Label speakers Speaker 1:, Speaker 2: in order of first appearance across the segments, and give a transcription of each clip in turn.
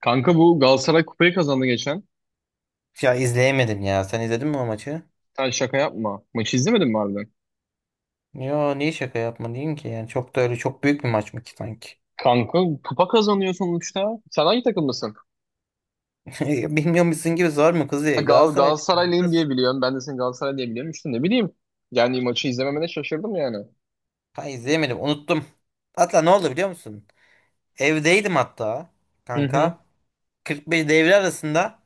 Speaker 1: Kanka bu Galatasaray kupayı kazandı geçen.
Speaker 2: Ya izleyemedim ya. Sen izledin mi o maçı?
Speaker 1: Sen şaka yapma. Maçı izlemedin mi harbiden?
Speaker 2: Ya niye şaka yapma ki? Yani çok da öyle çok büyük bir maç mı ki sanki?
Speaker 1: Kanka kupa kazanıyor sonuçta. Sen hangi takımlısın?
Speaker 2: Bilmiyor musun gibi, zor mu kızı?
Speaker 1: Gal
Speaker 2: Galatasaray'da
Speaker 1: Galatasaraylıyım
Speaker 2: nasıl?
Speaker 1: diye biliyorum. Ben de seni Galatasaray diye biliyorum. İşte ne bileyim. Yani maçı izlememene şaşırdım yani.
Speaker 2: Ha izleyemedim, unuttum. Hatta ne oldu biliyor musun? Evdeydim hatta
Speaker 1: Hı hı.
Speaker 2: kanka. 45 devre arasında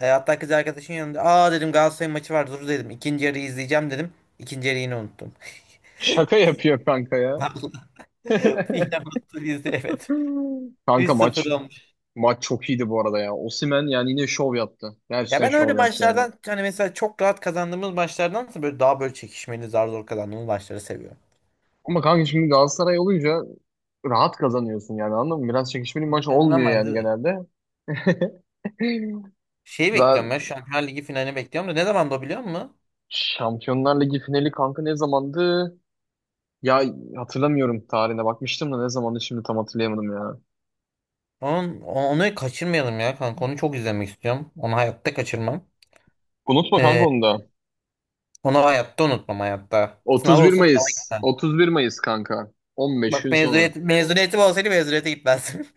Speaker 2: hatta kız arkadaşın yanında. Aa dedim, Galatasaray maçı var, dur dedim. İkinci yarıyı izleyeceğim dedim. İkinci yarıyı yine unuttum.
Speaker 1: Şaka yapıyor kanka ya.
Speaker 2: Yine unuttum, izle evet.
Speaker 1: Kanka maç
Speaker 2: 3-0.
Speaker 1: maç çok iyiydi bu arada ya. Osimhen yani yine şov yaptı.
Speaker 2: Ya
Speaker 1: Gerçekten
Speaker 2: ben öyle
Speaker 1: şov yaptı yani.
Speaker 2: maçlardan hani, mesela çok rahat kazandığımız maçlardansa böyle daha böyle çekişmeli, zar zor kazandığımız maçları seviyorum.
Speaker 1: Ama kanka şimdi Galatasaray olunca rahat kazanıyorsun yani anladın mı? Biraz çekişmeli bir maç
Speaker 2: Ben
Speaker 1: olmuyor yani
Speaker 2: normalde
Speaker 1: genelde.
Speaker 2: şey
Speaker 1: Daha
Speaker 2: bekliyorum ya, Şampiyonlar Ligi finalini bekliyorum da ne zaman, da biliyor musun?
Speaker 1: Şampiyonlar Ligi finali kanka ne zamandı? Ya hatırlamıyorum, tarihine bakmıştım da ne zamandı şimdi tam hatırlayamadım ya.
Speaker 2: Onu kaçırmayalım ya kanka, onu çok izlemek istiyorum. Onu hayatta kaçırmam.
Speaker 1: Unutma kanka
Speaker 2: Ee,
Speaker 1: onu da.
Speaker 2: Onu hayatta unutmam, hayatta. Sınav
Speaker 1: 31
Speaker 2: olsun, sınava
Speaker 1: Mayıs.
Speaker 2: gitmem.
Speaker 1: 31 Mayıs kanka. 15
Speaker 2: Bak
Speaker 1: gün sonra.
Speaker 2: mezuniyetim olsaydı mezuniyete gitmezdim.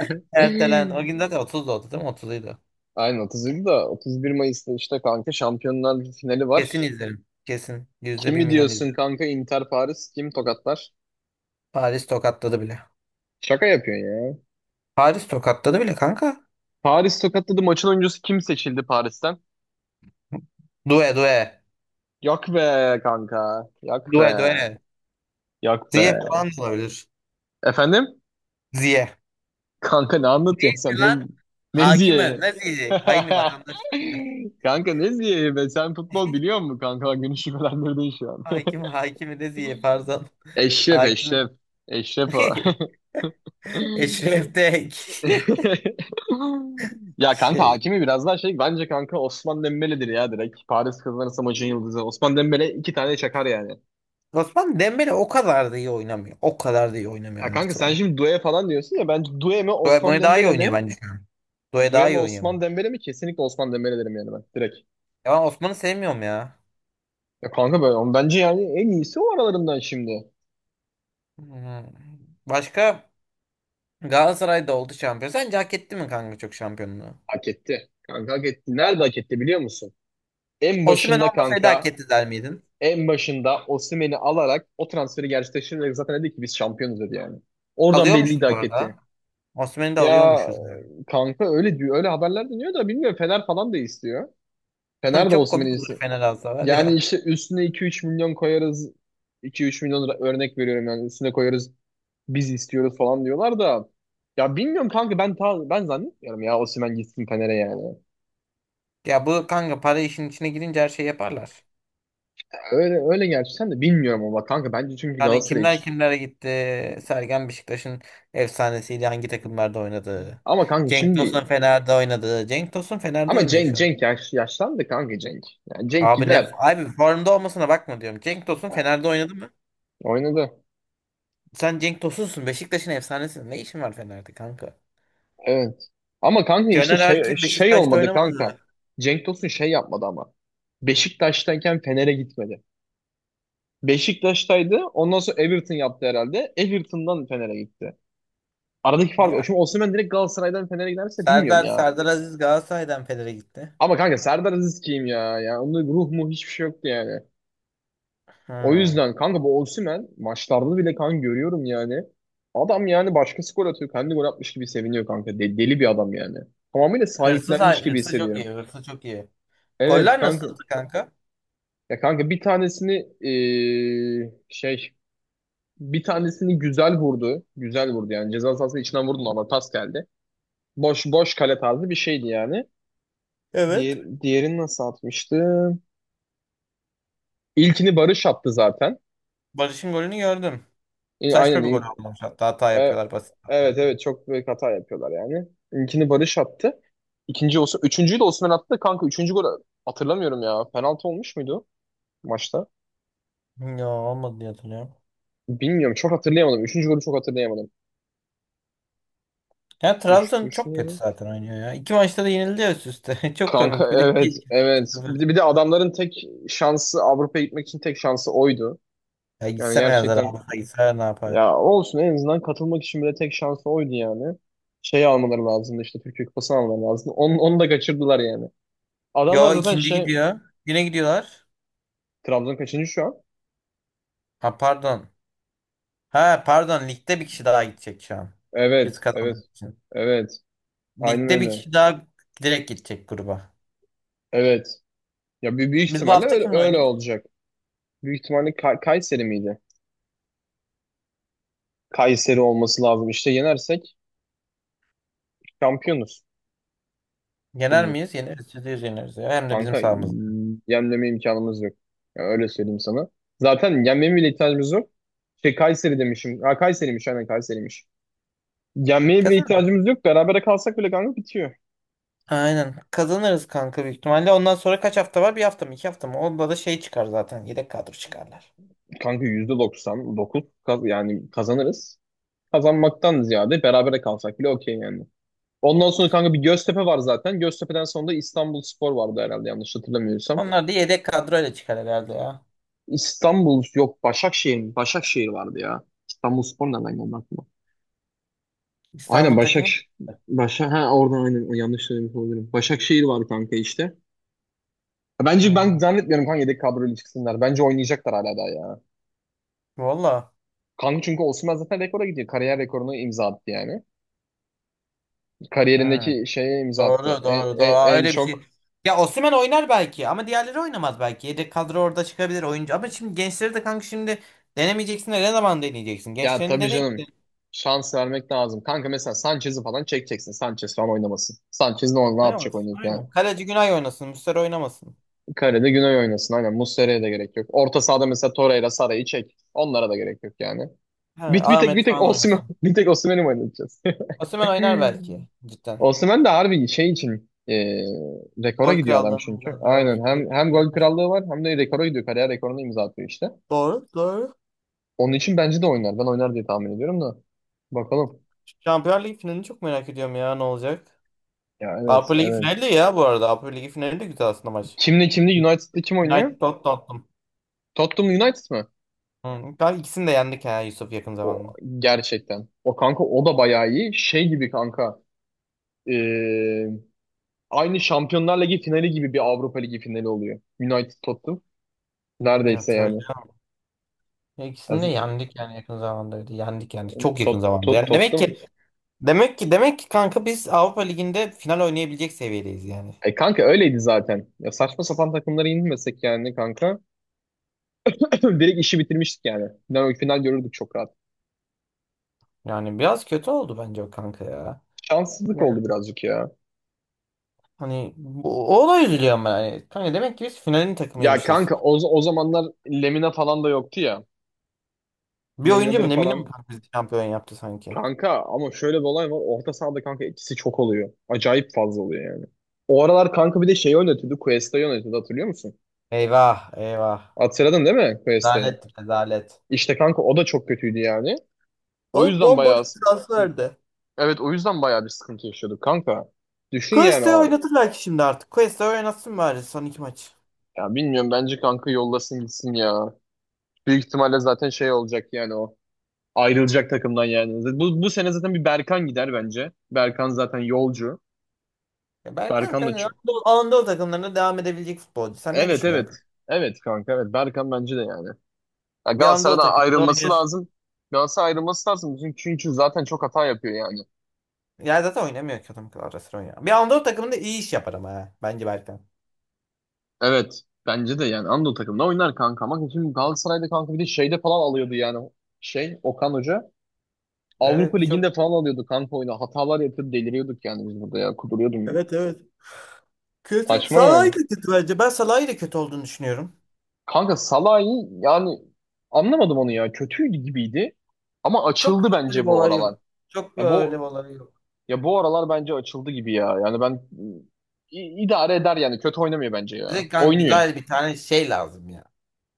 Speaker 2: Ertelen. O gün zaten 30'da oldu değil mi? 30'uydu.
Speaker 1: Aynen, 31 da 31 Mayıs'ta işte kanka Şampiyonlar Ligi finali
Speaker 2: Kesin
Speaker 1: var.
Speaker 2: izlerim. Kesin. Yüzde bir
Speaker 1: Kimi
Speaker 2: milyon
Speaker 1: diyorsun
Speaker 2: izlerim.
Speaker 1: kanka, Inter Paris kim tokatlar?
Speaker 2: Paris tokatladı bile.
Speaker 1: Şaka yapıyorsun ya.
Speaker 2: Paris tokatladı bile kanka.
Speaker 1: Paris tokatladı, maçın oyuncusu kim seçildi Paris'ten?
Speaker 2: Due, due.
Speaker 1: Yak be kanka. Yak be.
Speaker 2: Due, due.
Speaker 1: Yak be.
Speaker 2: Ziyeh falan da olabilir.
Speaker 1: Efendim?
Speaker 2: Ziyeh.
Speaker 1: Kanka ne anlatıyorsun sen?
Speaker 2: Lan hakime
Speaker 1: Neziye?
Speaker 2: ne ziyehi? Aynı vatandaşlar ya.
Speaker 1: Kanka Neziye be, sen futbol biliyor musun kanka? Günü şüphelendirdin şu an.
Speaker 2: Hakimi de ziyehi, pardon.
Speaker 1: Eşref
Speaker 2: Hakimi
Speaker 1: Eşref. Eşref o.
Speaker 2: Eşref de ek.
Speaker 1: Ya kanka
Speaker 2: Şey.
Speaker 1: Hakimi biraz daha şey, bence kanka Osman Dembele'dir ya direkt. Paris kazanırsa maçın yıldızı. Osman Dembele iki tane çakar yani.
Speaker 2: Osman Dembele o kadar da iyi oynamıyor. O kadar da iyi oynamıyor
Speaker 1: Ya kanka
Speaker 2: anlatılan.
Speaker 1: sen şimdi Due falan diyorsun ya, bence Due mi
Speaker 2: Due
Speaker 1: Osman
Speaker 2: bunu daha iyi
Speaker 1: Dembele
Speaker 2: oynuyor
Speaker 1: mi?
Speaker 2: bence. Due
Speaker 1: Due
Speaker 2: daha
Speaker 1: mi
Speaker 2: iyi oynuyor
Speaker 1: Osman
Speaker 2: bence.
Speaker 1: Dembele mi? Kesinlikle Osman Dembele derim yani ben direkt.
Speaker 2: Ya ben Osman'ı sevmiyorum ya.
Speaker 1: Ya kanka böyle bence yani en iyisi o aralarından şimdi.
Speaker 2: Hmm. Başka Galatasaray'da oldu şampiyon. Sence hak etti mi kanka çok, şampiyonluğu?
Speaker 1: Hak etti. Kanka hak etti. Nerede hak etti biliyor musun? En
Speaker 2: Osimhen
Speaker 1: başında
Speaker 2: olmasaydı hak
Speaker 1: kanka,
Speaker 2: etti der miydin?
Speaker 1: en başında Osimhen'i alarak o transferi gerçekleştirerek zaten dedi ki biz şampiyonuz dedi yani. Oradan belliydi,
Speaker 2: Alıyormuşuz bu
Speaker 1: hak
Speaker 2: arada.
Speaker 1: etti.
Speaker 2: Osimhen'i de
Speaker 1: Ya
Speaker 2: alıyormuşuz.
Speaker 1: kanka öyle diyor, öyle haberler dönüyor da bilmiyorum, Fener falan da istiyor. Fener de
Speaker 2: Çok
Speaker 1: Osimhen'i
Speaker 2: komik olur
Speaker 1: istiyor.
Speaker 2: Fener alsa var
Speaker 1: Yani
Speaker 2: ya.
Speaker 1: işte üstüne 2-3 milyon koyarız. Örnek veriyorum yani üstüne koyarız. Biz istiyoruz falan diyorlar da ya bilmiyorum kanka ben zannetmiyorum ya Osimhen gitsin Fener'e yani.
Speaker 2: Ya bu kanka, para işin içine girince her şey yaparlar.
Speaker 1: Öyle öyle gerçekten de bilmiyorum ama kanka bence çünkü
Speaker 2: Yani
Speaker 1: Galatasaray
Speaker 2: kimler
Speaker 1: hiç-
Speaker 2: kimlere gitti. Sergen Beşiktaş'ın efsanesiyle hangi takımlarda oynadı.
Speaker 1: ama kanka
Speaker 2: Cenk
Speaker 1: şimdi
Speaker 2: Tosun Fener'de oynadı. Cenk Tosun Fener'de
Speaker 1: ama
Speaker 2: oynuyor
Speaker 1: Cenk
Speaker 2: şu an.
Speaker 1: Cenk yaşlandı kanka Cenk. Yani Cenk
Speaker 2: Abi ne
Speaker 1: gider.
Speaker 2: abi, formda olmasına bakma diyorum. Cenk Tosun Fener'de oynadı mı?
Speaker 1: Oynadı.
Speaker 2: Sen Cenk Tosun'sun, Beşiktaş'ın efsanesi. Ne işin var Fener'de kanka?
Speaker 1: Evet. Ama kanka işte
Speaker 2: Caner
Speaker 1: şey
Speaker 2: Erkin
Speaker 1: şey
Speaker 2: Beşiktaş'ta
Speaker 1: olmadı
Speaker 2: oynamadı mı?
Speaker 1: kanka. Cenk Tosun şey yapmadı ama. Beşiktaş'tayken Fener'e gitmedi. Beşiktaş'taydı. Ondan sonra Everton yaptı herhalde. Everton'dan Fener'e gitti. Aradaki fark o.
Speaker 2: Ya
Speaker 1: Şimdi Osimhen direkt Galatasaray'dan Fener'e giderse bilmiyorum
Speaker 2: Serdar
Speaker 1: ya.
Speaker 2: Serdar Aziz Galatasaray'dan Fener'e gitti.
Speaker 1: Ama kanka Serdar Aziz kim ya? Ya onun ruh mu, hiçbir şey yoktu yani. O
Speaker 2: Hmm.
Speaker 1: yüzden kanka bu Osimhen maçlarda bile kan görüyorum yani. Adam yani başkası gol atıyor. Kendi gol atmış gibi seviniyor kanka. Deli bir adam yani. Tamamıyla sahiplenmiş gibi
Speaker 2: Hırsız çok
Speaker 1: hissediyorum.
Speaker 2: iyi. Hırsız çok iyi.
Speaker 1: Evet
Speaker 2: Goller
Speaker 1: kanka.
Speaker 2: nasıldı kanka?
Speaker 1: Ya kanka bir tanesini eee, şey bir tanesini güzel vurdu. Güzel vurdu yani. Ceza sahası içinden vurdu ama pas geldi. Boş boş kale tarzı bir şeydi yani.
Speaker 2: Evet.
Speaker 1: Diğerini nasıl atmıştı? İlkini Barış attı zaten.
Speaker 2: Barış'ın golünü gördüm.
Speaker 1: E, aynen.
Speaker 2: Saçma bir gol olmuş. Hatta hata
Speaker 1: E,
Speaker 2: yapıyorlar. Basit hata
Speaker 1: evet
Speaker 2: yapıyorlar.
Speaker 1: evet çok büyük hata yapıyorlar yani. İlkini Barış attı. İkinci olsun. Üçüncüyü de Osimhen attı. Kanka üçüncü golü hatırlamıyorum ya. Penaltı olmuş muydu maçta?
Speaker 2: Ya olmadı diye hatırlıyorum.
Speaker 1: Bilmiyorum. Çok hatırlayamadım. Üçüncü golü çok hatırlayamadım.
Speaker 2: Ya Trabzon çok kötü
Speaker 1: Düşünelim.
Speaker 2: zaten oynuyor ya. İki maçta da yenildi ya üst üste. Çok
Speaker 1: Kanka
Speaker 2: komik. Bir de iki.
Speaker 1: evet
Speaker 2: iki-
Speaker 1: evet.
Speaker 2: sıfır.
Speaker 1: Bir de adamların tek şansı Avrupa'ya gitmek için tek şansı oydu.
Speaker 2: Ya
Speaker 1: Yani
Speaker 2: gitsene ya,
Speaker 1: gerçekten,
Speaker 2: Zarafa gitsene ne yapar?
Speaker 1: ya olsun en azından katılmak için bile tek şansı oydu yani. Şey almaları lazımdı, işte Türkiye Kupası almaları lazımdı. Onu da kaçırdılar yani. Adamlar
Speaker 2: Yo,
Speaker 1: zaten
Speaker 2: ikinci
Speaker 1: şey.
Speaker 2: gidiyor. Yine gidiyorlar.
Speaker 1: Trabzon kaçıncı şu an?
Speaker 2: Ha pardon. Ha pardon, ligde bir kişi daha gidecek şu an. Biz
Speaker 1: Evet, evet,
Speaker 2: kazanmak için.
Speaker 1: evet. Aynen
Speaker 2: Ligde bir
Speaker 1: öyle.
Speaker 2: kişi daha direkt gidecek gruba.
Speaker 1: Evet. Ya bir büyük
Speaker 2: Biz bu
Speaker 1: ihtimalle
Speaker 2: hafta kimle
Speaker 1: öyle
Speaker 2: oynuyoruz?
Speaker 1: olacak. Büyük ihtimalle Kayseri miydi? Kayseri olması lazım. İşte yenersek şampiyonuz.
Speaker 2: Yener
Speaker 1: Dümdüz.
Speaker 2: miyiz? Yeneriz. Yüzde yüz yeneriz ya. Hem de bizim
Speaker 1: Kanka
Speaker 2: sahamızda.
Speaker 1: yenmeme imkanımız yok. Ya öyle söyleyeyim sana. Zaten yenmeye bile ihtiyacımız yok. Şey Kayseri demişim. Ha Kayseri'miş, aynen Kayseri'miş. Yenmeye bile
Speaker 2: Kazan.
Speaker 1: ihtiyacımız yok. Berabere kalsak bile kanka bitiyor.
Speaker 2: Aynen. Kazanırız kanka büyük ihtimalle. Ondan sonra kaç hafta var? Bir hafta mı? İki hafta mı? Onda da şey çıkar zaten. Yedek kadro çıkarlar.
Speaker 1: Kanka %99 yani kazanırız. Kazanmaktan ziyade berabere kalsak bile okey yani. Ondan sonra kanka bir Göztepe var zaten. Göztepe'den sonra da İstanbulspor vardı herhalde yanlış hatırlamıyorsam.
Speaker 2: Onlar da yedek kadroyla çıkar herhalde ya.
Speaker 1: İstanbul yok, Başakşehir mi? Başakşehir vardı ya. İstanbulspor nereden geldi aklıma? Aynen
Speaker 2: İstanbul takımı.
Speaker 1: Başakşehir. Başak ha oradan, aynen yanlış söylemiş olabilirim. Başakşehir var kanka işte. Ya bence ben
Speaker 2: Hmm.
Speaker 1: zannetmiyorum kanka yedek kadroyla çıksınlar. Bence oynayacaklar hala daha ya.
Speaker 2: Valla.
Speaker 1: Kanka çünkü Osimhen zaten rekora gidiyor. Kariyer rekorunu imza attı yani.
Speaker 2: Hmm.
Speaker 1: Kariyerindeki şeye imza attı.
Speaker 2: Doğru doğru doğru. Aa,
Speaker 1: En
Speaker 2: öyle bir
Speaker 1: çok
Speaker 2: şey. Ya Osimhen oynar belki ama diğerleri oynamaz belki. Yedek kadro orada çıkabilir oyuncu. Ama şimdi gençleri de kanka, şimdi denemeyeceksin de ne zaman deneyeceksin?
Speaker 1: ya
Speaker 2: Gençlerini
Speaker 1: tabii
Speaker 2: dene.
Speaker 1: canım. Şans vermek lazım. Kanka mesela Sanchez'i falan çekeceksin. Sanchez falan oynamasın. Sanchez ne yapacak
Speaker 2: Oynamaz.
Speaker 1: oynayıp yani.
Speaker 2: Aynen. Kaleci Günay oynasın. Muslera oynamasın.
Speaker 1: Kalede Güney oynasın. Aynen Muslera'ya da gerek yok. Orta sahada mesela Torreira, Sara'yı çek. Onlara da gerek yok yani.
Speaker 2: He,
Speaker 1: Bir, bir tek
Speaker 2: Ahmet
Speaker 1: bir tek
Speaker 2: falan
Speaker 1: Osimhen
Speaker 2: oynasın.
Speaker 1: bir tek Osimhen'i mi oynatacağız?
Speaker 2: Osimhen oynar belki. Cidden.
Speaker 1: Osimhen de harbi şey için e, rekora
Speaker 2: Gol
Speaker 1: gidiyor adam
Speaker 2: krallığının
Speaker 1: çünkü.
Speaker 2: biraz daha
Speaker 1: Aynen
Speaker 2: olsun diye
Speaker 1: hem
Speaker 2: bekliyorum.
Speaker 1: gol krallığı var hem de rekora gidiyor. Kariyer rekorunu imza atıyor işte.
Speaker 2: Doğru, doğru.
Speaker 1: Onun için bence de oynar. Ben oynar diye tahmin ediyorum da. Bakalım.
Speaker 2: Şampiyonlar Ligi finalini çok merak ediyorum ya, ne olacak.
Speaker 1: Ya
Speaker 2: Avrupa
Speaker 1: evet
Speaker 2: Ligi
Speaker 1: evet.
Speaker 2: finali de ya bu arada. Avrupa Ligi finali de güzel aslında maç.
Speaker 1: Kimle United'da kim oynuyor?
Speaker 2: United Tottenham.
Speaker 1: Tottenham United mı?
Speaker 2: Hı. Galiba ikisini de yendik ha Yusuf, yakın
Speaker 1: O
Speaker 2: zamanda.
Speaker 1: gerçekten. O kanka o da bayağı iyi. Şey gibi kanka. Ee, aynı Şampiyonlar Ligi finali gibi bir Avrupa Ligi finali oluyor. United Tottenham.
Speaker 2: Ya
Speaker 1: Neredeyse
Speaker 2: tabii.
Speaker 1: yani.
Speaker 2: Ya
Speaker 1: Ya,
Speaker 2: İkisini de yendik yani, yakın zamanda öyle. Yendik yani çok yakın zamanda. Yani demek
Speaker 1: Tottenham.
Speaker 2: ki demek ki demek ki kanka, biz Avrupa Ligi'nde final oynayabilecek seviyedeyiz yani.
Speaker 1: E kanka öyleydi zaten. Ya saçma sapan takımlara inmesek yani kanka. Direkt işi bitirmiştik yani. Final görürdük çok rahat.
Speaker 2: Yani biraz kötü oldu bence o kanka ya.
Speaker 1: Şanssızlık
Speaker 2: Yani
Speaker 1: oldu birazcık ya.
Speaker 2: hani o olay, üzülüyor ama yani. Kanka demek ki biz finalin
Speaker 1: Ya
Speaker 2: takımıymışız.
Speaker 1: kanka o, o zamanlar Lemina falan da yoktu ya.
Speaker 2: Bir oyuncu mu
Speaker 1: Lemina'ları
Speaker 2: ne bileyim mi
Speaker 1: falan.
Speaker 2: kanka, bizi şampiyon yaptı sanki.
Speaker 1: Kanka ama şöyle bir olay var. Orta sahada kanka ikisi çok oluyor. Acayip fazla oluyor yani. O aralar kanka bir de şeyi oynatıyordu. Cuesta'yı oynatıyordu hatırlıyor musun?
Speaker 2: Eyvah eyvah.
Speaker 1: Hatırladın değil mi Cuesta'yı?
Speaker 2: Rezalet rezalet.
Speaker 1: İşte kanka o da çok kötüydü yani. O
Speaker 2: O
Speaker 1: yüzden
Speaker 2: bomboş
Speaker 1: bayağı,
Speaker 2: bir transferdi.
Speaker 1: evet o yüzden bayağı bir sıkıntı yaşıyorduk kanka. Düşün yani
Speaker 2: Quest'i
Speaker 1: o.
Speaker 2: oynatır belki şimdi artık. Quest'i oynatsın bari son iki maç.
Speaker 1: Ya bilmiyorum bence kanka yollasın gitsin ya. Büyük ihtimalle zaten şey olacak yani o. Ayrılacak takımdan yani. Bu sene zaten bir Berkan gider bence. Berkan zaten yolcu.
Speaker 2: Ya ben
Speaker 1: Berkan
Speaker 2: kanka
Speaker 1: da
Speaker 2: hani Anadolu takımlarına devam edebilecek futbolcu. Sen ne
Speaker 1: evet
Speaker 2: düşünüyorsun
Speaker 1: evet.
Speaker 2: kanka?
Speaker 1: Evet kanka evet. Berkan bence de yani. Ya
Speaker 2: Bir Anadolu
Speaker 1: Galatasaray'dan
Speaker 2: takımında
Speaker 1: ayrılması
Speaker 2: oynuyor.
Speaker 1: lazım. Galatasaray ayrılması lazım. Çünkü zaten çok hata yapıyor yani.
Speaker 2: Ya zaten oynamıyor ki adam kadar, ara sıra oynuyor. Bir Anadolu takımında iyi iş yapar ama ha. Bence Berkan.
Speaker 1: Evet. Bence de yani Anadolu takımında oynar kanka. Ama şimdi Galatasaray'da kanka bir de şeyde falan alıyordu yani. Şey Okan Hoca. Avrupa
Speaker 2: Evet çok
Speaker 1: Ligi'nde falan alıyordu kanka oyunu. Hatalar yapıyordu, deliriyorduk yani biz burada ya. Kuduruyordum ben.
Speaker 2: Evet, evet. Kötü.
Speaker 1: Saçma yani.
Speaker 2: Salahi de kötü bence. Ben Salah'ı da kötü olduğunu düşünüyorum.
Speaker 1: Kanka Salah'ı yani anlamadım onu ya. Kötü gibiydi. Ama açıldı
Speaker 2: Çok öyle
Speaker 1: bence
Speaker 2: bir
Speaker 1: bu
Speaker 2: olay yok.
Speaker 1: aralar.
Speaker 2: Çok
Speaker 1: Ya
Speaker 2: öyle bir
Speaker 1: bu,
Speaker 2: olay yok.
Speaker 1: ya bu aralar bence açıldı gibi ya. Yani ben idare eder yani. Kötü oynamıyor bence ya.
Speaker 2: Bize kan
Speaker 1: Oynuyor.
Speaker 2: güzel bir tane şey lazım ya.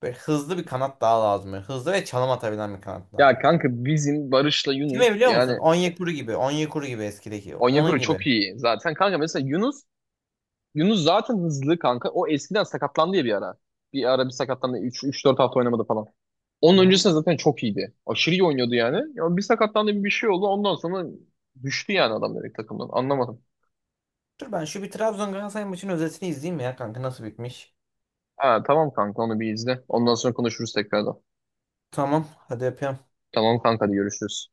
Speaker 2: Böyle hızlı bir kanat daha lazım. Böyle hızlı ve çalım atabilen bir kanat
Speaker 1: Ya
Speaker 2: lazım
Speaker 1: kanka
Speaker 2: bize.
Speaker 1: bizim Barış'la Yunus
Speaker 2: Kime biliyor musun?
Speaker 1: yani
Speaker 2: Onyekuru gibi. Onyekuru gibi, eskideki. Onun
Speaker 1: Onyekuru
Speaker 2: gibi.
Speaker 1: çok iyi zaten. Kanka mesela Yunus, Yunus zaten hızlı kanka. O eskiden sakatlandı ya bir ara. Bir ara bir sakatlandı. Üç dört hafta oynamadı falan.
Speaker 2: Hı
Speaker 1: Onun
Speaker 2: hı.
Speaker 1: öncesinde zaten çok iyiydi. Aşırı iyi oynuyordu yani. Ya bir sakatlandı bir şey oldu. Ondan sonra düştü yani adam direkt takımdan. Anlamadım.
Speaker 2: Dur ben şu bir Trabzon Galatasaray maçının özetini izleyeyim ya kanka, nasıl bitmiş.
Speaker 1: Ha, tamam kanka onu bir izle. Ondan sonra konuşuruz tekrardan.
Speaker 2: Tamam hadi, yapıyorum.
Speaker 1: Tamam kanka, hadi görüşürüz.